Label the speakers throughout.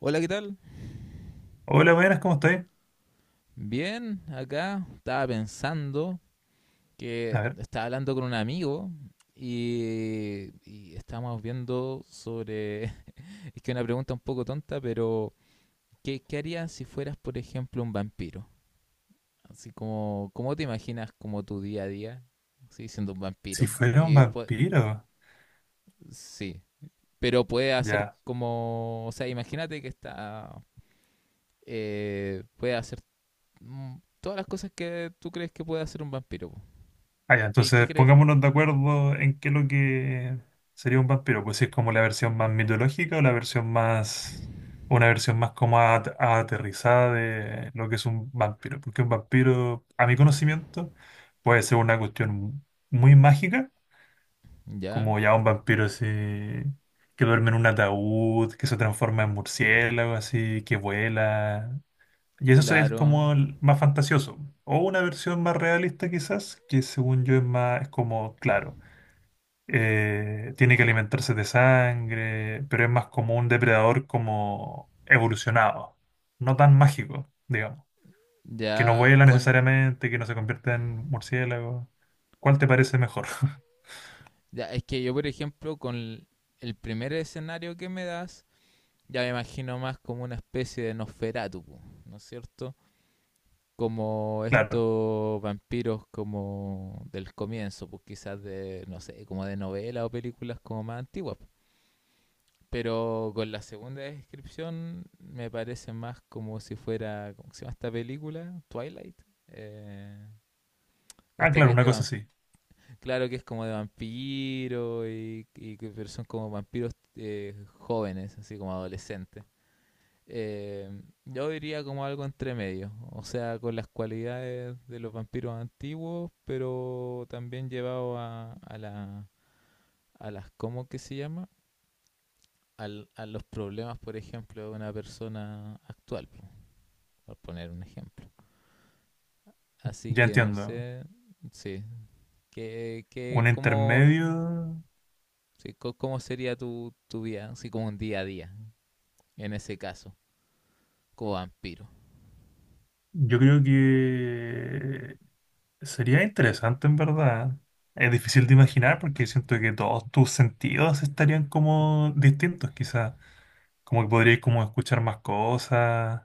Speaker 1: Hola, ¿qué tal?
Speaker 2: Hola, buenas, ¿cómo estáis?
Speaker 1: Bien, acá estaba pensando
Speaker 2: A
Speaker 1: que
Speaker 2: ver,
Speaker 1: estaba hablando con un amigo y estábamos viendo sobre, es que una pregunta un poco tonta, pero ¿qué harías si fueras, por ejemplo, un vampiro? Así como, ¿cómo te imaginas como tu día a día? Sí, siendo un
Speaker 2: si
Speaker 1: vampiro.
Speaker 2: fuera un
Speaker 1: Y, pues,
Speaker 2: vampiro.
Speaker 1: sí, pero puede hacer
Speaker 2: Ya.
Speaker 1: como, o sea, imagínate que está, puede hacer mm, todas las cosas que tú crees que puede hacer un vampiro, po.
Speaker 2: Ah, ya,
Speaker 1: ¿Qué
Speaker 2: entonces
Speaker 1: crees?
Speaker 2: pongámonos de acuerdo en qué es lo que sería un vampiro. Pues si es como la versión más mitológica o la versión más. Una versión más como aterrizada de lo que es un vampiro. Porque un vampiro, a mi conocimiento, puede ser una cuestión muy mágica,
Speaker 1: Ya,
Speaker 2: como ya un vampiro así, que duerme en un ataúd, que se transforma en murciélago, así, que vuela. Y eso es
Speaker 1: claro.
Speaker 2: como el más fantasioso. O una versión más realista quizás, que según yo es más, es como, claro, tiene que alimentarse de sangre, pero es más como un depredador como evolucionado, no tan mágico, digamos, que no
Speaker 1: Ya,
Speaker 2: vuela
Speaker 1: con.
Speaker 2: necesariamente, que no se convierta en murciélago. ¿Cuál te parece mejor?
Speaker 1: Ya, es que yo, por ejemplo, el primer escenario que me das, ya me imagino más como una especie de Nosferatu, po, ¿no es cierto? Como
Speaker 2: Claro.
Speaker 1: estos vampiros como del comienzo, pues quizás de, no sé, como de novelas o películas como más antiguas. Pero con la segunda descripción me parece más como si fuera, ¿cómo se llama esta película? Twilight. Eh,
Speaker 2: Ah,
Speaker 1: esta
Speaker 2: claro,
Speaker 1: que es
Speaker 2: una
Speaker 1: de
Speaker 2: cosa así.
Speaker 1: claro que es como de vampiro, y pero son como vampiros jóvenes, así como adolescentes. Eh, yo diría como algo entre medio, o sea, con las cualidades de los vampiros antiguos, pero también llevado la, a las, ¿cómo que se llama? A los problemas, por ejemplo, de una persona actual, por poner un ejemplo. Así
Speaker 2: Ya
Speaker 1: que no
Speaker 2: entiendo.
Speaker 1: sé, sí, que,
Speaker 2: Un
Speaker 1: que como
Speaker 2: intermedio,
Speaker 1: sí. ¿Cómo sería tu vida, así como un día a día, en ese caso, como vampiro?
Speaker 2: yo creo que... sería interesante en verdad. Es difícil de imaginar porque siento que todos tus sentidos estarían como distintos, quizás. Como que podrías como escuchar más cosas.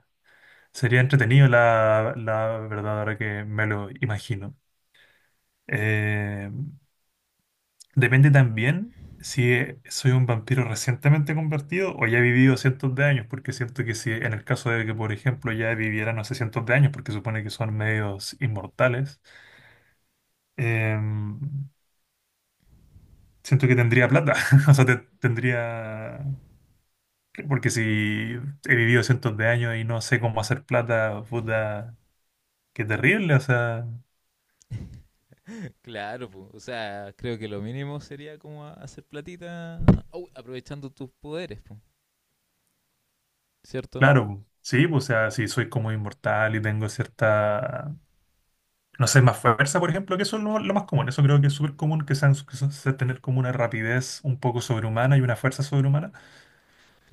Speaker 2: Sería entretenido la verdad ahora que me lo imagino. Eh, Depende también si soy un vampiro recientemente convertido o ya he vivido cientos de años, porque siento que si en el caso de que, por ejemplo, ya viviera, no sé, cientos de años, porque supone que son medios inmortales. em, Siento que tendría plata, o sea, tendría, porque si he vivido cientos de años y no sé cómo hacer plata, puta, qué terrible, o sea,
Speaker 1: Claro, po, o sea, creo que lo mínimo sería como hacer platita, aprovechando tus poderes, po, ¿cierto?
Speaker 2: claro, sí, pues, o sea, si soy como inmortal y tengo cierta, no sé, más fuerza, por ejemplo, que eso es lo más común, eso creo que es súper común, que sean, sea tener como una rapidez un poco sobrehumana y una fuerza sobrehumana,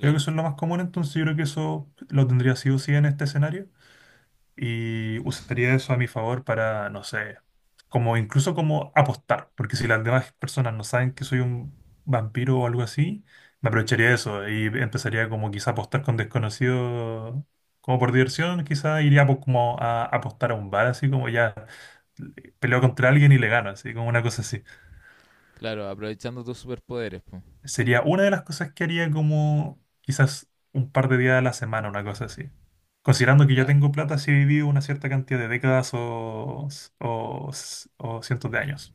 Speaker 2: creo que eso es lo más común, entonces yo creo que eso lo tendría sí o sí en este escenario. Y usaría eso a mi favor para, no sé, como incluso como apostar, porque si las demás personas no saben que soy un vampiro o algo así, me aprovecharía de eso y empezaría como quizá a apostar con desconocidos, como por diversión, quizá como a apostar a un bar, así como ya peleo contra alguien y le gano, así como una cosa así.
Speaker 1: claro, aprovechando tus superpoderes, po.
Speaker 2: Sería una de las cosas que haría como quizás un par de días a la semana, una cosa así. Considerando que ya
Speaker 1: Claro,
Speaker 2: tengo plata si viví una cierta cantidad de décadas o, o cientos de años.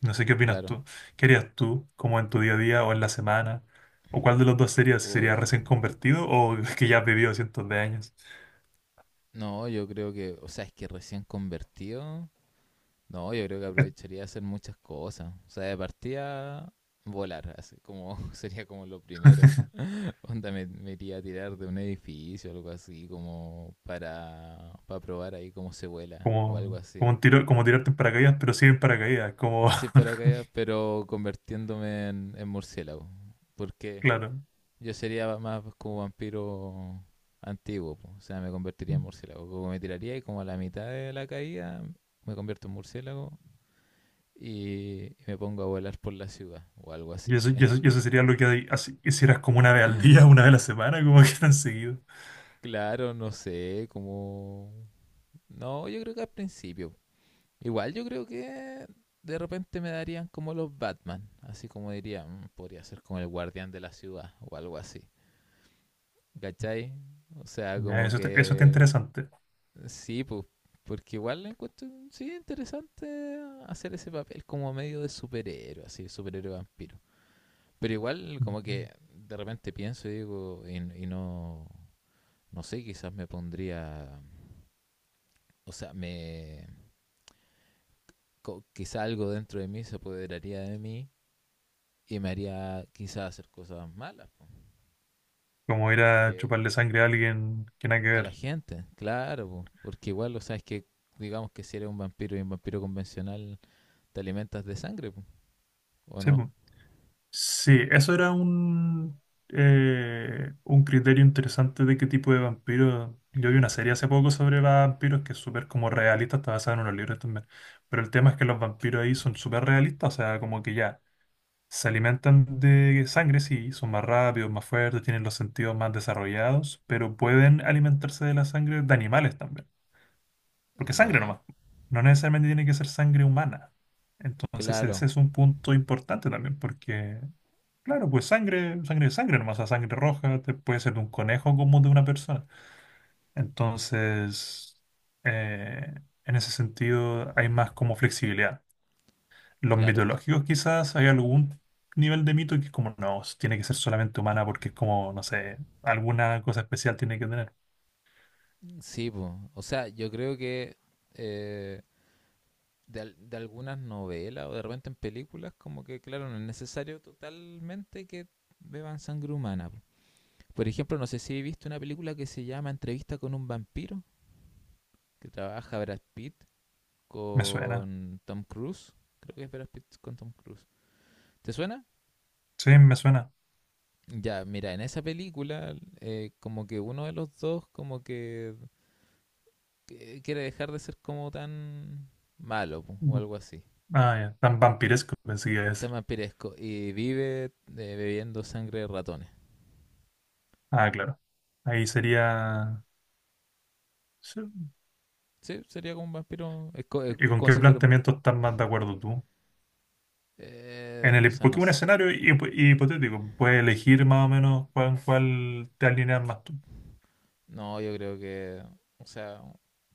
Speaker 2: No sé qué opinas
Speaker 1: claro.
Speaker 2: tú. ¿Qué harías tú, como en tu día a día o en la semana? ¿O cuál de los dos sería? ¿Si
Speaker 1: Uf,
Speaker 2: sería recién convertido o que ya has vivido cientos de años?
Speaker 1: no, yo creo que, o sea, es que recién convertido, no, yo creo que aprovecharía de hacer muchas cosas, o sea, de partida volar, así como sería como lo primero. Onda, me iría a tirar de un edificio o algo así, como para probar ahí cómo se vuela o algo
Speaker 2: Como, como,
Speaker 1: así.
Speaker 2: un tiro, como tirarte en paracaídas, pero sí en paracaídas. Como,
Speaker 1: Sin paracaídas, pero convirtiéndome en murciélago. Porque
Speaker 2: claro.
Speaker 1: yo sería más como vampiro antiguo, po. O sea, me convertiría en murciélago. Como me tiraría y como a la mitad de la caída me convierto en murciélago y me pongo a volar por la ciudad o algo así.
Speaker 2: Y eso, y eso, y eso sería lo que hicieras como una vez al día, una vez a la semana, como que tan seguido.
Speaker 1: Claro, no sé, como... No, yo creo que al principio, igual yo creo que de repente me darían como los Batman, así como diría: "Mm, podría ser como el guardián de la ciudad o algo así. ¿Cachai?" O sea,
Speaker 2: Ya,
Speaker 1: como
Speaker 2: eso, eso está
Speaker 1: que
Speaker 2: interesante.
Speaker 1: sí, pues, porque igual lo encuentro sí interesante hacer ese papel como medio de superhéroe, así, superhéroe vampiro. Pero igual como
Speaker 2: Ujú.
Speaker 1: que de repente pienso y digo, y no, no sé, quizás me pondría, o sea, me, quizá algo dentro de mí se apoderaría de mí y me haría quizás hacer cosas malas
Speaker 2: Como ir a
Speaker 1: porque
Speaker 2: chuparle sangre a alguien que nada que
Speaker 1: a la
Speaker 2: ver.
Speaker 1: gente, claro, po, porque igual, o sea, es que digamos que si eres un vampiro y un vampiro convencional, te alimentas de sangre, po, ¿o
Speaker 2: Sí,
Speaker 1: no?
Speaker 2: po. Sí, eso era un criterio interesante de qué tipo de vampiro. Yo vi una serie hace poco sobre vampiros que es súper como realista, está basada en unos libros también. Pero el tema es que los vampiros ahí son súper realistas, o sea, como que ya. Se alimentan de sangre, sí, son más rápidos, más fuertes, tienen los sentidos más desarrollados, pero pueden alimentarse de la sangre de animales también. Porque sangre
Speaker 1: Ya,
Speaker 2: nomás, no necesariamente tiene que ser sangre humana. Entonces
Speaker 1: claro,
Speaker 2: ese es un punto importante también, porque, claro, pues sangre, sangre es sangre nomás, o sea, sangre roja puede ser de un conejo como de una persona. Entonces, eh, en ese sentido hay más como flexibilidad. Los
Speaker 1: claro,
Speaker 2: mitológicos quizás hay algún nivel de mito que es como, no, tiene que ser solamente humana porque es como, no sé, alguna cosa especial tiene que tener.
Speaker 1: sí, pues, o sea, yo creo que eh, de, de algunas novelas o de repente en películas, como que, claro, no es necesario totalmente que beban sangre humana, po. Por ejemplo, no sé si he visto una película que se llama Entrevista con un vampiro, que trabaja Brad Pitt
Speaker 2: Me suena.
Speaker 1: con Tom Cruise. Creo que es Brad Pitt con Tom Cruise. ¿Te suena?
Speaker 2: Sí, me suena.
Speaker 1: Ya, mira, en esa película como que uno de los dos como que quiere dejar de ser como tan malo, po, o
Speaker 2: Mm.
Speaker 1: algo así.
Speaker 2: Ah, ya. Tan vampiresco pensé que iba a decir.
Speaker 1: Tan vampiresco y vive bebiendo sangre de ratones.
Speaker 2: Ah, claro. Ahí sería... sí.
Speaker 1: Sí, sería como un vampiro. Es, es
Speaker 2: ¿Y con
Speaker 1: como
Speaker 2: qué
Speaker 1: si fuera...
Speaker 2: planteamiento estás más de acuerdo tú?
Speaker 1: O sea, no,
Speaker 2: Porque un
Speaker 1: s-,
Speaker 2: escenario hipotético, puedes elegir más o menos cuál te alineas más tú.
Speaker 1: no, yo creo que... O sea,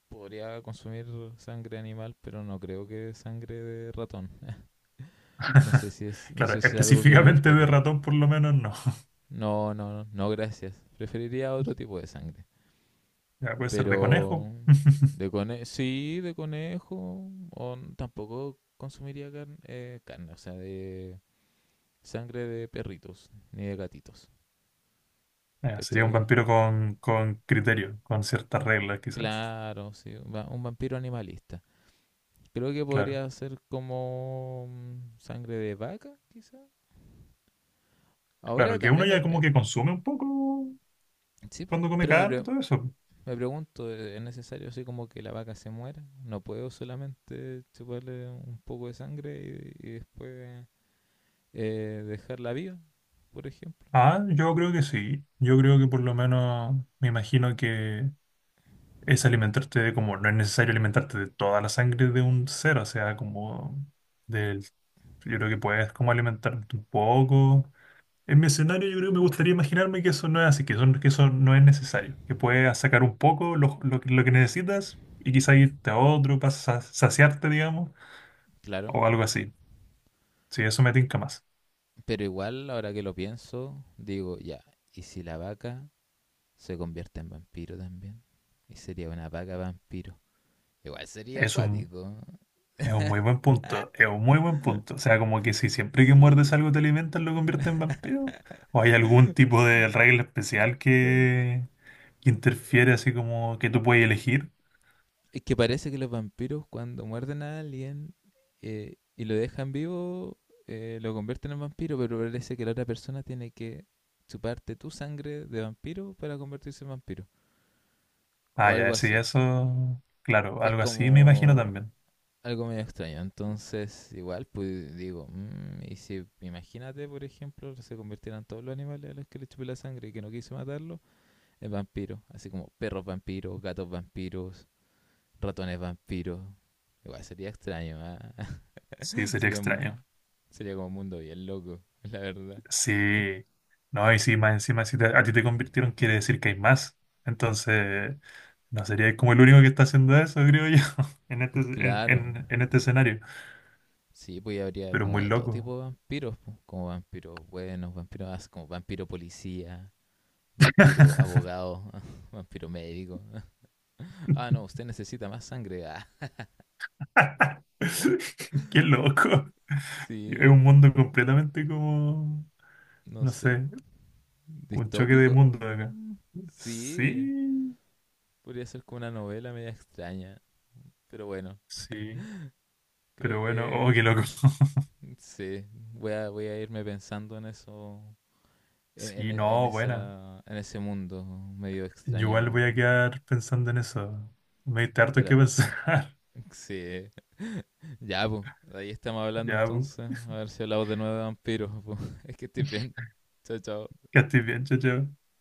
Speaker 1: podría consumir sangre animal, pero no creo que sangre de ratón. No sé si es, no
Speaker 2: Claro,
Speaker 1: sé si es algo que me
Speaker 2: específicamente de
Speaker 1: gustaría.
Speaker 2: ratón por lo menos no.
Speaker 1: No, no, no, no, gracias. Preferiría otro tipo de sangre.
Speaker 2: Ya puede ser de conejo.
Speaker 1: Pero de conejo, sí, de conejo. O n- tampoco consumiría carne, carne, o sea, de sangre de perritos ni de gatitos.
Speaker 2: Ah, sería un
Speaker 1: ¿Cachai?
Speaker 2: vampiro con criterio, con ciertas reglas quizás.
Speaker 1: Claro, sí, un un vampiro animalista. Creo que
Speaker 2: Claro,
Speaker 1: podría ser como sangre de vaca, quizá. Ahora
Speaker 2: claro, que uno
Speaker 1: también me...
Speaker 2: ya
Speaker 1: me-,
Speaker 2: como que consume un poco
Speaker 1: sí, po,
Speaker 2: cuando come
Speaker 1: pero me,
Speaker 2: carne y
Speaker 1: pre-,
Speaker 2: todo eso.
Speaker 1: me pregunto, ¿e-, ¿es necesario así como que la vaca se muera? ¿No puedo solamente chuparle un poco de sangre y después dejarla viva, por ejemplo?
Speaker 2: Ah, yo creo que sí. Yo creo que por lo menos me imagino que es alimentarte de como, no es necesario alimentarte de toda la sangre de un ser, o sea, como del, yo creo que puedes como alimentarte un poco. En mi escenario yo creo que me gustaría imaginarme que eso no es así, que eso no es necesario, que puedes sacar un poco lo que necesitas y quizá irte a otro para saciarte, digamos,
Speaker 1: Claro,
Speaker 2: o algo así. Sí, eso me tinca más.
Speaker 1: pero igual ahora que lo pienso, digo, ya, ¿y si la vaca se convierte en vampiro también? Y sería una vaca vampiro. Igual sería
Speaker 2: Es un,
Speaker 1: acuático.
Speaker 2: es un muy buen punto, es un muy buen punto. O sea, como que si siempre que muerdes
Speaker 1: Sí.
Speaker 2: algo te alimentas, lo conviertes en vampiro. ¿O hay algún tipo de regla especial que interfiere así como que tú puedes elegir?
Speaker 1: Es que parece que los vampiros cuando muerden a alguien y lo dejan vivo, lo convierten en vampiro, pero parece que la otra persona tiene que chuparte tu sangre de vampiro para convertirse en vampiro. O
Speaker 2: Ah,
Speaker 1: algo
Speaker 2: ya, sí,
Speaker 1: así.
Speaker 2: eso, claro,
Speaker 1: Es
Speaker 2: algo así me imagino
Speaker 1: como
Speaker 2: también.
Speaker 1: algo medio extraño. Entonces, igual, pues digo, mm, y si imagínate, por ejemplo, se convirtieran todos los animales a los que le chupé la sangre y que no quise matarlo en vampiros. Así como perros vampiros, gatos vampiros, ratones vampiros. Igual sería extraño, ¿ah?
Speaker 2: Sí, sería
Speaker 1: Sería,
Speaker 2: extraño.
Speaker 1: sería como un mundo bien loco, la verdad.
Speaker 2: Sí, no, y si más encima, si a ti te convirtieron, quiere decir que hay más. Entonces, no sería como el único que está haciendo eso, creo yo, en
Speaker 1: Claro.
Speaker 2: en este escenario.
Speaker 1: Sí, pues ya habría
Speaker 2: Pero
Speaker 1: como
Speaker 2: muy
Speaker 1: de todo
Speaker 2: loco.
Speaker 1: tipo de vampiros, po, como vampiros buenos, vampiros como vampiro policía, vampiro abogado, vampiro médico. Ah, no, usted necesita más sangre. Ah,
Speaker 2: Qué loco. Es
Speaker 1: sí,
Speaker 2: un mundo completamente como,
Speaker 1: no
Speaker 2: no
Speaker 1: sé.
Speaker 2: sé, un choque de
Speaker 1: ¿Distópico?
Speaker 2: mundo acá.
Speaker 1: Mm, sí,
Speaker 2: Sí,
Speaker 1: podría ser como una novela media extraña, pero bueno,
Speaker 2: sí.
Speaker 1: creo
Speaker 2: Pero bueno,
Speaker 1: que
Speaker 2: oh, qué loco.
Speaker 1: mm, sí, voy a irme pensando en eso en,
Speaker 2: Sí,
Speaker 1: en
Speaker 2: no, buena.
Speaker 1: esa, en ese mundo medio
Speaker 2: Yo igual
Speaker 1: extraño.
Speaker 2: voy a quedar pensando en eso. Me diste harto que
Speaker 1: Para,
Speaker 2: pensar.
Speaker 1: sí, ya, pues, ahí estamos hablando
Speaker 2: Ya,
Speaker 1: entonces. A ver si hablamos de nuevo de vampiros, po. Es que estoy bien. Chao, chao.
Speaker 2: que estés bien, chao, chao.